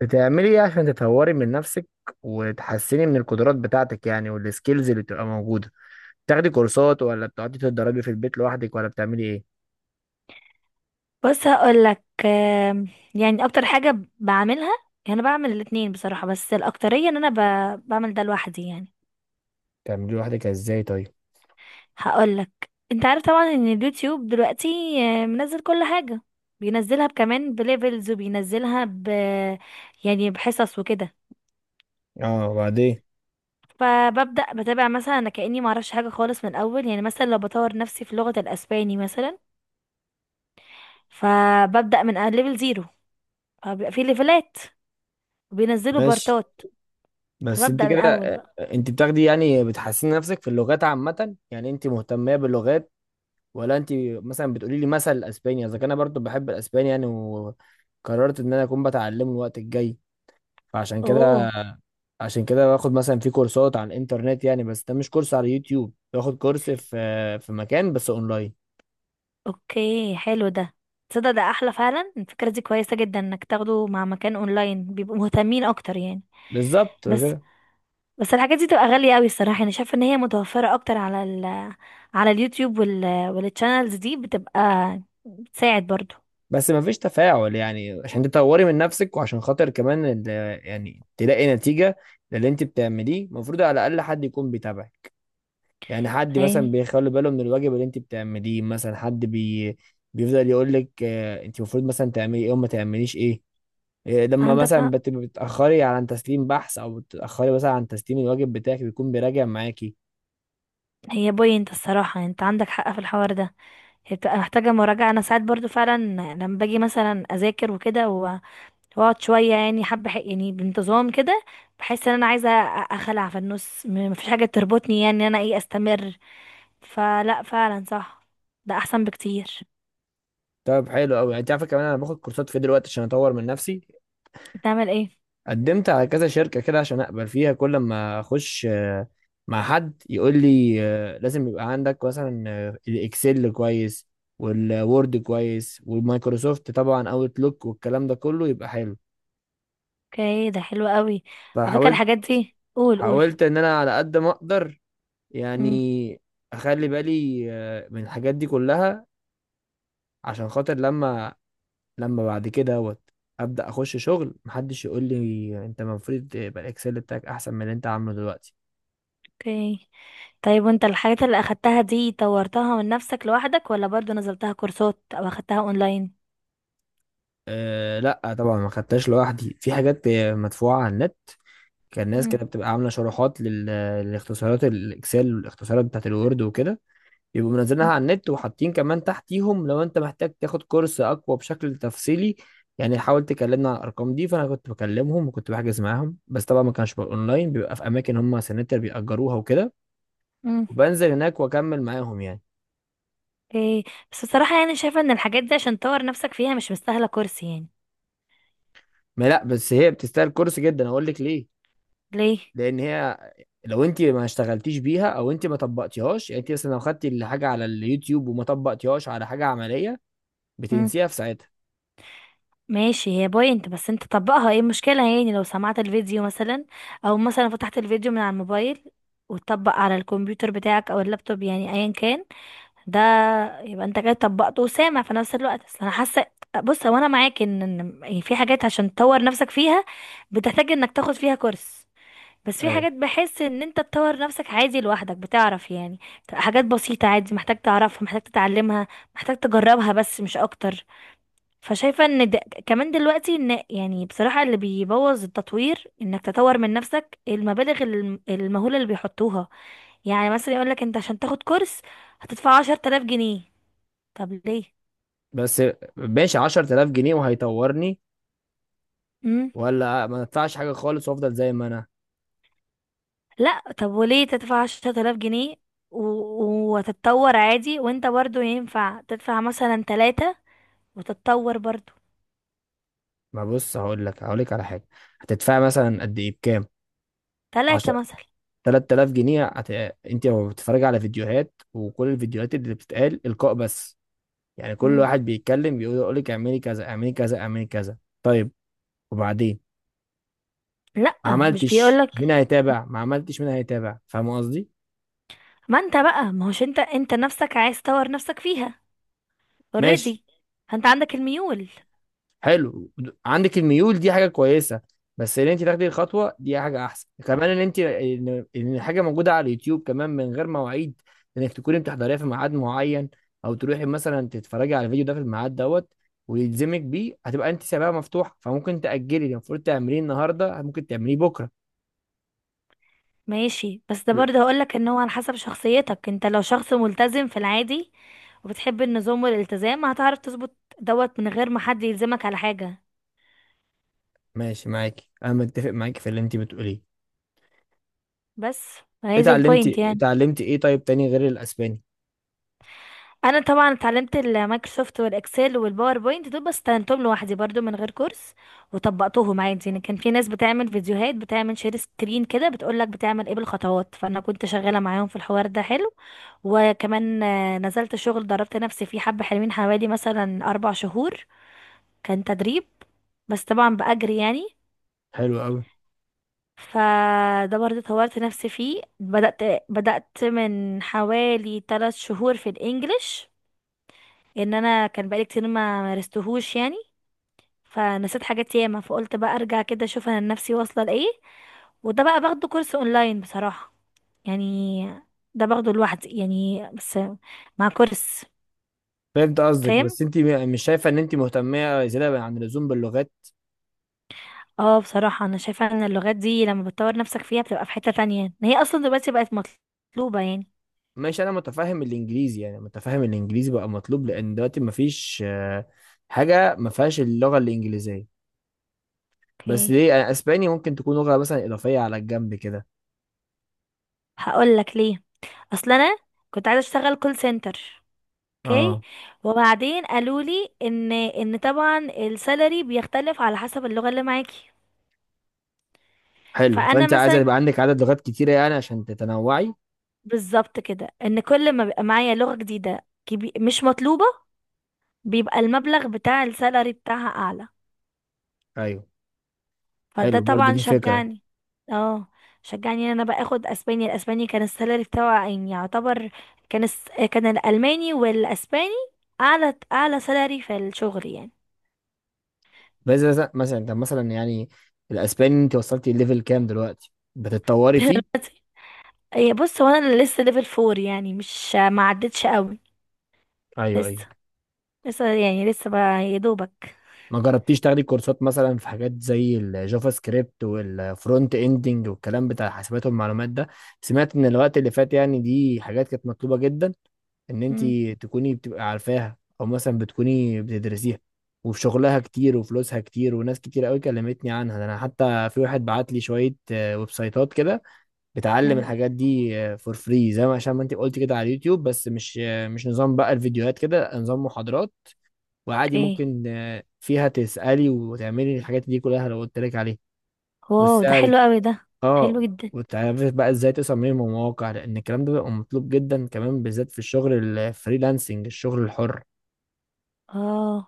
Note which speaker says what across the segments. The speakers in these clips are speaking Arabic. Speaker 1: بتعملي ايه عشان تطوري من نفسك وتحسني من القدرات بتاعتك يعني والسكيلز اللي بتبقى موجودة؟ بتاخدي كورسات ولا بتقعدي تتدربي في البيت لوحدك ولا بتعملي ايه؟
Speaker 2: بص، هقولك يعني اكتر حاجة بعملها. يعني انا بعمل الاتنين بصراحة، بس الاكترية ان انا بعمل ده لوحدي يعني.
Speaker 1: بتعملي لوحدك ازاي طيب؟
Speaker 2: هقولك، انت عارف طبعا ان اليوتيوب دلوقتي منزل كل حاجة، بينزلها كمان بليفلز، وبينزلها يعني بحصص وكده.
Speaker 1: اه، وبعدين؟
Speaker 2: فببدأ بتابع، مثلا انا كأني معرفش حاجة خالص من الاول. يعني مثلا لو بطور نفسي في لغة الاسباني مثلا، فببدأ من ليفل 0. فبيبقى في ليفلات وبينزلوا
Speaker 1: ماشي.
Speaker 2: بارتات،
Speaker 1: بس انت
Speaker 2: فببدأ من
Speaker 1: كده
Speaker 2: اول بقى.
Speaker 1: انت بتاخدي يعني بتحسني نفسك في اللغات عامة، يعني انت مهتمة باللغات، ولا انت مثلا بتقولي لي مثل الاسباني؟ اذا كان انا برضو بحب الاسباني يعني، وقررت ان انا اكون بتعلمه الوقت الجاي. فعشان كده
Speaker 2: اوه
Speaker 1: عشان كده باخد مثلا في كورسات على الانترنت، يعني بس ده مش كورس على اليوتيوب، باخد كورس في مكان بس اونلاين.
Speaker 2: اوكي، حلو ده. تصدق ده احلى فعلا، الفكرة دي كويسة جدا انك تاخده مع مكان اونلاين، بيبقوا مهتمين اكتر يعني.
Speaker 1: بالظبط
Speaker 2: بس
Speaker 1: كده.
Speaker 2: بس الحاجات دي تبقى غالية قوي الصراحة. انا شايفة ان هي متوفرة اكتر على على اليوتيوب، والتشانلز دي بتبقى بتساعد برضو
Speaker 1: بس ما فيش تفاعل يعني عشان تطوري من نفسك، وعشان خاطر كمان يعني تلاقي نتيجة للي انت بتعمليه. المفروض على الاقل حد يكون بيتابعك، يعني حد مثلا
Speaker 2: يعني.
Speaker 1: بيخلي باله من الواجب اللي انت بتعمليه، مثلا حد بي بيفضل يقول لك انت المفروض مثلا تعملي ايه وما تعمليش ايه. إيه، لما
Speaker 2: عندك
Speaker 1: مثلا
Speaker 2: حق،
Speaker 1: بتأخري عن تسليم بحث، او بتأخري مثلا عن تسليم الواجب بتاعك، بيكون بيراجع معاكي.
Speaker 2: هي بوينت الصراحة يعني، انت عندك حق في الحوار ده. هي بتبقى محتاجة مراجعة، انا ساعات برضو فعلا لما باجي مثلا اذاكر وكده، واقعد شويه يعني حبه يعني بانتظام كده. بحس ان انا عايزه اخلع في النص، مفيش حاجه تربطني يعني ان انا ايه استمر. فلا فعلا صح، ده احسن بكتير.
Speaker 1: طب حلو قوي. انت عارفه كمان انا باخد كورسات في دلوقتي عشان اطور من نفسي.
Speaker 2: بتعمل ايه؟
Speaker 1: قدمت على كذا شركه كده عشان اقبل فيها، كل ما اخش مع حد يقول لي لازم يبقى عندك مثلا الاكسل كويس، والوورد كويس، والمايكروسوفت طبعا اوتلوك، والكلام ده كله يبقى حلو.
Speaker 2: اوكي، ده حلو قوي. على فكره
Speaker 1: فحاولت
Speaker 2: الحاجات دي، قول قول.
Speaker 1: حاولت ان انا على قد ما اقدر
Speaker 2: مم.
Speaker 1: يعني اخلي بالي من الحاجات دي كلها، عشان خاطر لما بعد كده دوت ابدا اخش شغل، محدش يقول لي انت المفروض يبقى الاكسل بتاعك احسن من اللي انت عامله دلوقتي.
Speaker 2: اوكي. طيب وانت الحاجات اللي اخدتها دي طورتها من نفسك لوحدك، ولا برضو نزلتها كورسات او اخدتها اونلاين؟
Speaker 1: أه لا طبعا ما خدتهاش لوحدي. في حاجات مدفوعه على النت، كان ناس
Speaker 2: مم.
Speaker 1: كده بتبقى عامله شروحات للاختصارات الاكسل، والاختصارات بتاعت الوورد وكده، يبقوا منزلينها
Speaker 2: مم.
Speaker 1: على النت، وحاطين كمان تحتيهم لو انت محتاج تاخد كورس اقوى بشكل تفصيلي، يعني حاول تكلمنا على الارقام دي. فانا كنت بكلمهم وكنت بحجز معاهم، بس طبعا ما كانش بقى اونلاين، بيبقى في اماكن هم سنتر بيأجروها وكده،
Speaker 2: مم.
Speaker 1: وبنزل هناك واكمل معاهم يعني.
Speaker 2: اوكي. بس بصراحه يعني شايفه ان الحاجات دي عشان تطور نفسك فيها مش مستاهله كورس يعني.
Speaker 1: ما لا، بس هي بتستاهل كورس جدا، اقول لك ليه.
Speaker 2: ليه؟
Speaker 1: لان هي لو انت ما اشتغلتيش بيها، او انت ما طبقتيهاش، يعني انت مثلا لو خدتي الحاجه على اليوتيوب وما طبقتيهاش على حاجه عمليه، بتنسيها في ساعتها.
Speaker 2: ماشي، هي بوينت، بس انت طبقها ايه المشكلة؟ يعني لو سمعت الفيديو مثلا، او مثلا فتحت الفيديو من على الموبايل وتطبق على الكمبيوتر بتاعك او اللابتوب يعني ايا كان ده، يبقى انت كده طبقته وسامع في نفس الوقت. اصل انا حاسة، بص هو انا معاك ان يعني في حاجات عشان تطور نفسك فيها بتحتاج انك تاخد فيها كورس، بس في حاجات
Speaker 1: ايوه.
Speaker 2: بحس ان انت تطور نفسك عادي لوحدك بتعرف يعني. حاجات بسيطة عادي محتاج تعرفها، محتاج تتعلمها، محتاج تجربها، بس مش اكتر. فشايفة ان كمان دلوقتي، ان يعني بصراحة اللي بيبوظ التطوير انك تطور من نفسك المبالغ المهولة اللي بيحطوها. يعني مثلا يقولك انت عشان تاخد كورس هتدفع 10000 جنيه. طب ليه؟
Speaker 1: بس ماشي، 10000 جنيه وهيطورني،
Speaker 2: مم.
Speaker 1: ولا ما ادفعش حاجه خالص وافضل زي ما انا.
Speaker 2: لا طب وليه تدفع 10000 جنيه و... وتتطور عادي، وانت برضو ينفع تدفع مثلا تلاتة وتتطور برضو؟
Speaker 1: ما بص، هقول لك على حاجه. هتدفعي مثلا قد ايه، بكام؟ 10،
Speaker 2: تلاتة مثلا.
Speaker 1: 3000 جنيه هت... انت لو بتتفرجي على فيديوهات، وكل الفيديوهات اللي بتتقال القاء بس، يعني كل
Speaker 2: مم.
Speaker 1: واحد بيتكلم يقول لك اعملي كذا اعملي كذا اعملي كذا. طيب، وبعدين؟
Speaker 2: لا
Speaker 1: ما
Speaker 2: مش
Speaker 1: عملتش
Speaker 2: بيقولك.
Speaker 1: مين هيتابع ما عملتش مين هيتابع فاهم قصدي؟
Speaker 2: ما انت بقى ما هوش، انت نفسك عايز تطور نفسك فيها.
Speaker 1: ماشي.
Speaker 2: اوريدي، انت عندك الميول.
Speaker 1: حلو. عندك الميول دي حاجه كويسه، بس ان انت تاخدي الخطوه دي حاجه احسن كمان، ان انت إن الحاجه موجوده على اليوتيوب، كمان من غير مواعيد انك تكوني بتحضريها في ميعاد معين، او تروحي مثلا تتفرجي على الفيديو ده في الميعاد دوت ويلزمك بيه، هتبقى انت سبابه مفتوحه، فممكن تاجلي اللي المفروض تعمليه النهارده ممكن تعمليه بكره.
Speaker 2: ماشي، بس ده برضه هقولك ان هو على حسب شخصيتك. انت لو شخص ملتزم في العادي وبتحب النظام والالتزام، هتعرف تظبط دوت من غير ما حد يلزمك على حاجة.
Speaker 1: ماشي معاك، انا متفق معاك في اللي انت بتقوليه.
Speaker 2: بس هي دي البوينت
Speaker 1: اتعلمتي
Speaker 2: يعني.
Speaker 1: اتعلمتي ايه طيب تاني غير الاسباني؟
Speaker 2: انا طبعا اتعلمت المايكروسوفت والاكسل والباوربوينت دول، بس اتعلمتهم لوحدي برضو من غير كورس وطبقتهم عادي يعني. كان في ناس بتعمل فيديوهات، بتعمل شير سكرين كده، بتقولك بتعمل ايه بالخطوات، فانا كنت شغالة معاهم في الحوار ده حلو. وكمان نزلت شغل دربت نفسي فيه حبة حلوين، حوالي مثلا 4 شهور كان تدريب، بس طبعا بأجري يعني.
Speaker 1: حلو قوي.
Speaker 2: فده برضه طورت نفسي فيه. بدأت من حوالي 3 شهور في الإنجليش، إن أنا كان بقالي كتير ما مارستهوش يعني، فنسيت حاجات ياما، فقلت بقى أرجع كده أشوف أنا نفسي واصلة لإيه. وده بقى باخده كورس أونلاين بصراحة، يعني ده باخده لوحدي يعني بس مع كورس.
Speaker 1: فهمت قصدك،
Speaker 2: فاهم.
Speaker 1: بس انت مش شايفه ان انت مهتمه زياده عن اللزوم باللغات؟
Speaker 2: اه بصراحة انا شايفة ان اللغات دي لما بتطور نفسك فيها بتبقى في حتة تانية، ان هي اصلا دلوقتي بقت مطلوبة يعني.
Speaker 1: ماشي، انا متفهم الانجليزي. بقى مطلوب، لان دلوقتي مفيش حاجه ما فيهاش اللغه الانجليزيه. بس
Speaker 2: اوكي.
Speaker 1: ليه أنا؟ اسباني ممكن تكون لغه مثلا اضافيه على الجنب كده.
Speaker 2: هقول لك ليه. اصل انا كنت عايزة اشتغل كول سنتر. اوكي.
Speaker 1: اه.
Speaker 2: وبعدين قالوا لي ان طبعا السالري بيختلف على حسب اللغة اللي معاكي.
Speaker 1: حلو،
Speaker 2: فانا
Speaker 1: فانت عايزه
Speaker 2: مثلا
Speaker 1: يبقى عندك عدد لغات كتيره يعني عشان تتنوعي.
Speaker 2: بالظبط كده، ان كل ما بيبقى معايا لغة جديدة مش مطلوبة، بيبقى المبلغ بتاع السالري بتاعها اعلى.
Speaker 1: ايوه.
Speaker 2: فده
Speaker 1: حلو، برضو
Speaker 2: طبعا
Speaker 1: دي فكره.
Speaker 2: اه شجعني ان انا بقى اخد اسباني. الاسباني كان السالري بتاعه يعني يعتبر، كان الس... كان الالماني والاسباني اعلى اعلى سالري في الشغل يعني.
Speaker 1: مثلا انت مثلا يعني الاسباني، انت وصلتي ليفل كام دلوقتي بتتطوري فيه؟
Speaker 2: هي بص، هو انا لسه ليفل 4 يعني، مش ما عدتش قوي.
Speaker 1: ايوه ايوه.
Speaker 2: لسه، لسه يعني لسه بقى يا دوبك.
Speaker 1: ما جربتيش تاخدي كورسات مثلا في حاجات زي الجافا سكريبت، والفرونت اندنج، والكلام بتاع الحاسبات والمعلومات ده؟ سمعت ان الوقت اللي فات يعني دي حاجات كانت مطلوبة جدا، ان انت
Speaker 2: مم.
Speaker 1: تكوني بتبقى عارفاها، او مثلا بتكوني بتدرسيها. وفي شغلها كتير، وفلوسها كتير، وناس كتير قوي كلمتني عنها. ده انا حتى في واحد بعت لي شوية ويب سايتات كده بتعلم
Speaker 2: مم.
Speaker 1: الحاجات دي فور فري، زي ما عشان ما انت قلت كده على اليوتيوب، بس مش مش نظام بقى الفيديوهات كده، نظام محاضرات. وعادي
Speaker 2: اوكي.
Speaker 1: ممكن فيها تسألي وتعملي الحاجات دي كلها لو قلت لك عليها.
Speaker 2: واو ده
Speaker 1: والسعر
Speaker 2: حلو قوي ده، حلو
Speaker 1: اه.
Speaker 2: جدا.
Speaker 1: وتعرفي بقى ازاي تصممي مواقع، لان الكلام ده بيبقى مطلوب جدا كمان، بالذات في الشغل الفريلانسنج، الشغل الحر.
Speaker 2: اه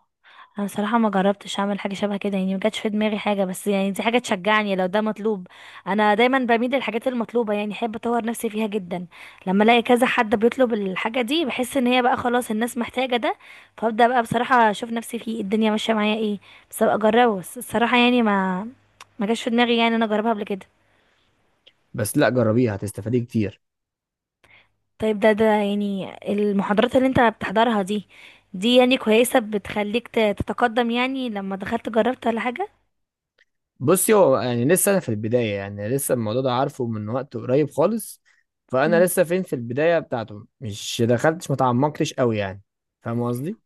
Speaker 2: انا صراحه ما جربتش اعمل حاجه شبه كده يعني، ما جاتش في دماغي حاجه. بس يعني دي حاجه تشجعني لو ده مطلوب. انا دايما بميل للحاجات المطلوبه، يعني احب اطور نفسي فيها جدا. لما الاقي كذا حد بيطلب الحاجه دي بحس ان هي بقى خلاص الناس محتاجه ده، فابدا بقى بصراحه اشوف نفسي فيه الدنيا ماشيه معايا ايه، بس ابقى اجربه. بس الصراحه يعني ما جاتش في دماغي يعني انا اجربها قبل كده.
Speaker 1: بس لا، جربيها هتستفادي كتير.
Speaker 2: طيب، ده يعني المحاضرات اللي انت بتحضرها دي يعني كويسه بتخليك تتقدم؟ يعني لما دخلت جربت ولا حاجه؟
Speaker 1: بصي هو يعني لسه انا في البدايه، يعني لسه الموضوع ده عارفه من وقت قريب خالص، فانا لسه فين في البدايه بتاعته، مش دخلتش، ما تعمقتش قوي يعني. فاهم قصدي.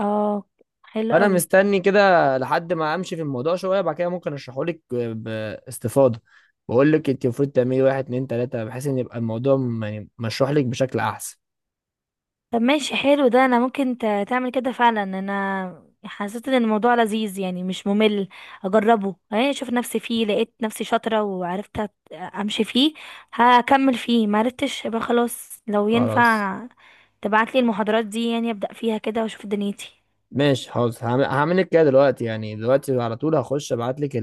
Speaker 2: اه حلو
Speaker 1: فانا
Speaker 2: قوي.
Speaker 1: مستني كده لحد ما امشي في الموضوع شويه، بعد كده ممكن اشرحه لك باستفاضه. بقول لك انت المفروض تعملي واحد اتنين تلاته، بحيث ان يبقى الموضوع يعني مشروح لك بشكل احسن.
Speaker 2: طب ماشي، حلو ده. انا ممكن تعمل كده فعلا. انا حسيت ان الموضوع لذيذ يعني مش ممل. اجربه اهي اشوف نفسي فيه، لقيت نفسي شاطرة وعرفت امشي فيه. هكمل فيه، ما عرفتش يبقى خلاص. لو
Speaker 1: خلاص
Speaker 2: ينفع تبعت لي المحاضرات دي يعني ابدا فيها كده واشوف دنيتي.
Speaker 1: ماشي حاضر، هعمل لك كده دلوقتي، يعني دلوقتي على طول هخش ابعت لك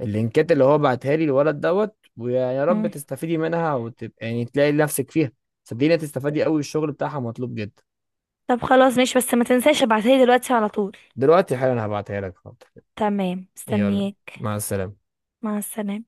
Speaker 1: اللينكات اللي هو بعتها لي الولد دوت، ويا رب
Speaker 2: مم.
Speaker 1: تستفيدي منها وتبقى يعني تلاقي نفسك فيها. صدقيني هتستفادي قوي، الشغل بتاعها مطلوب جدا.
Speaker 2: طب خلاص ماشي، بس ما تنساش ابعتها لي دلوقتي على طول.
Speaker 1: دلوقتي حالا هبعتها لك، حاضر.
Speaker 2: تمام،
Speaker 1: يلا،
Speaker 2: مستنياك.
Speaker 1: مع السلامة.
Speaker 2: مع السلامة.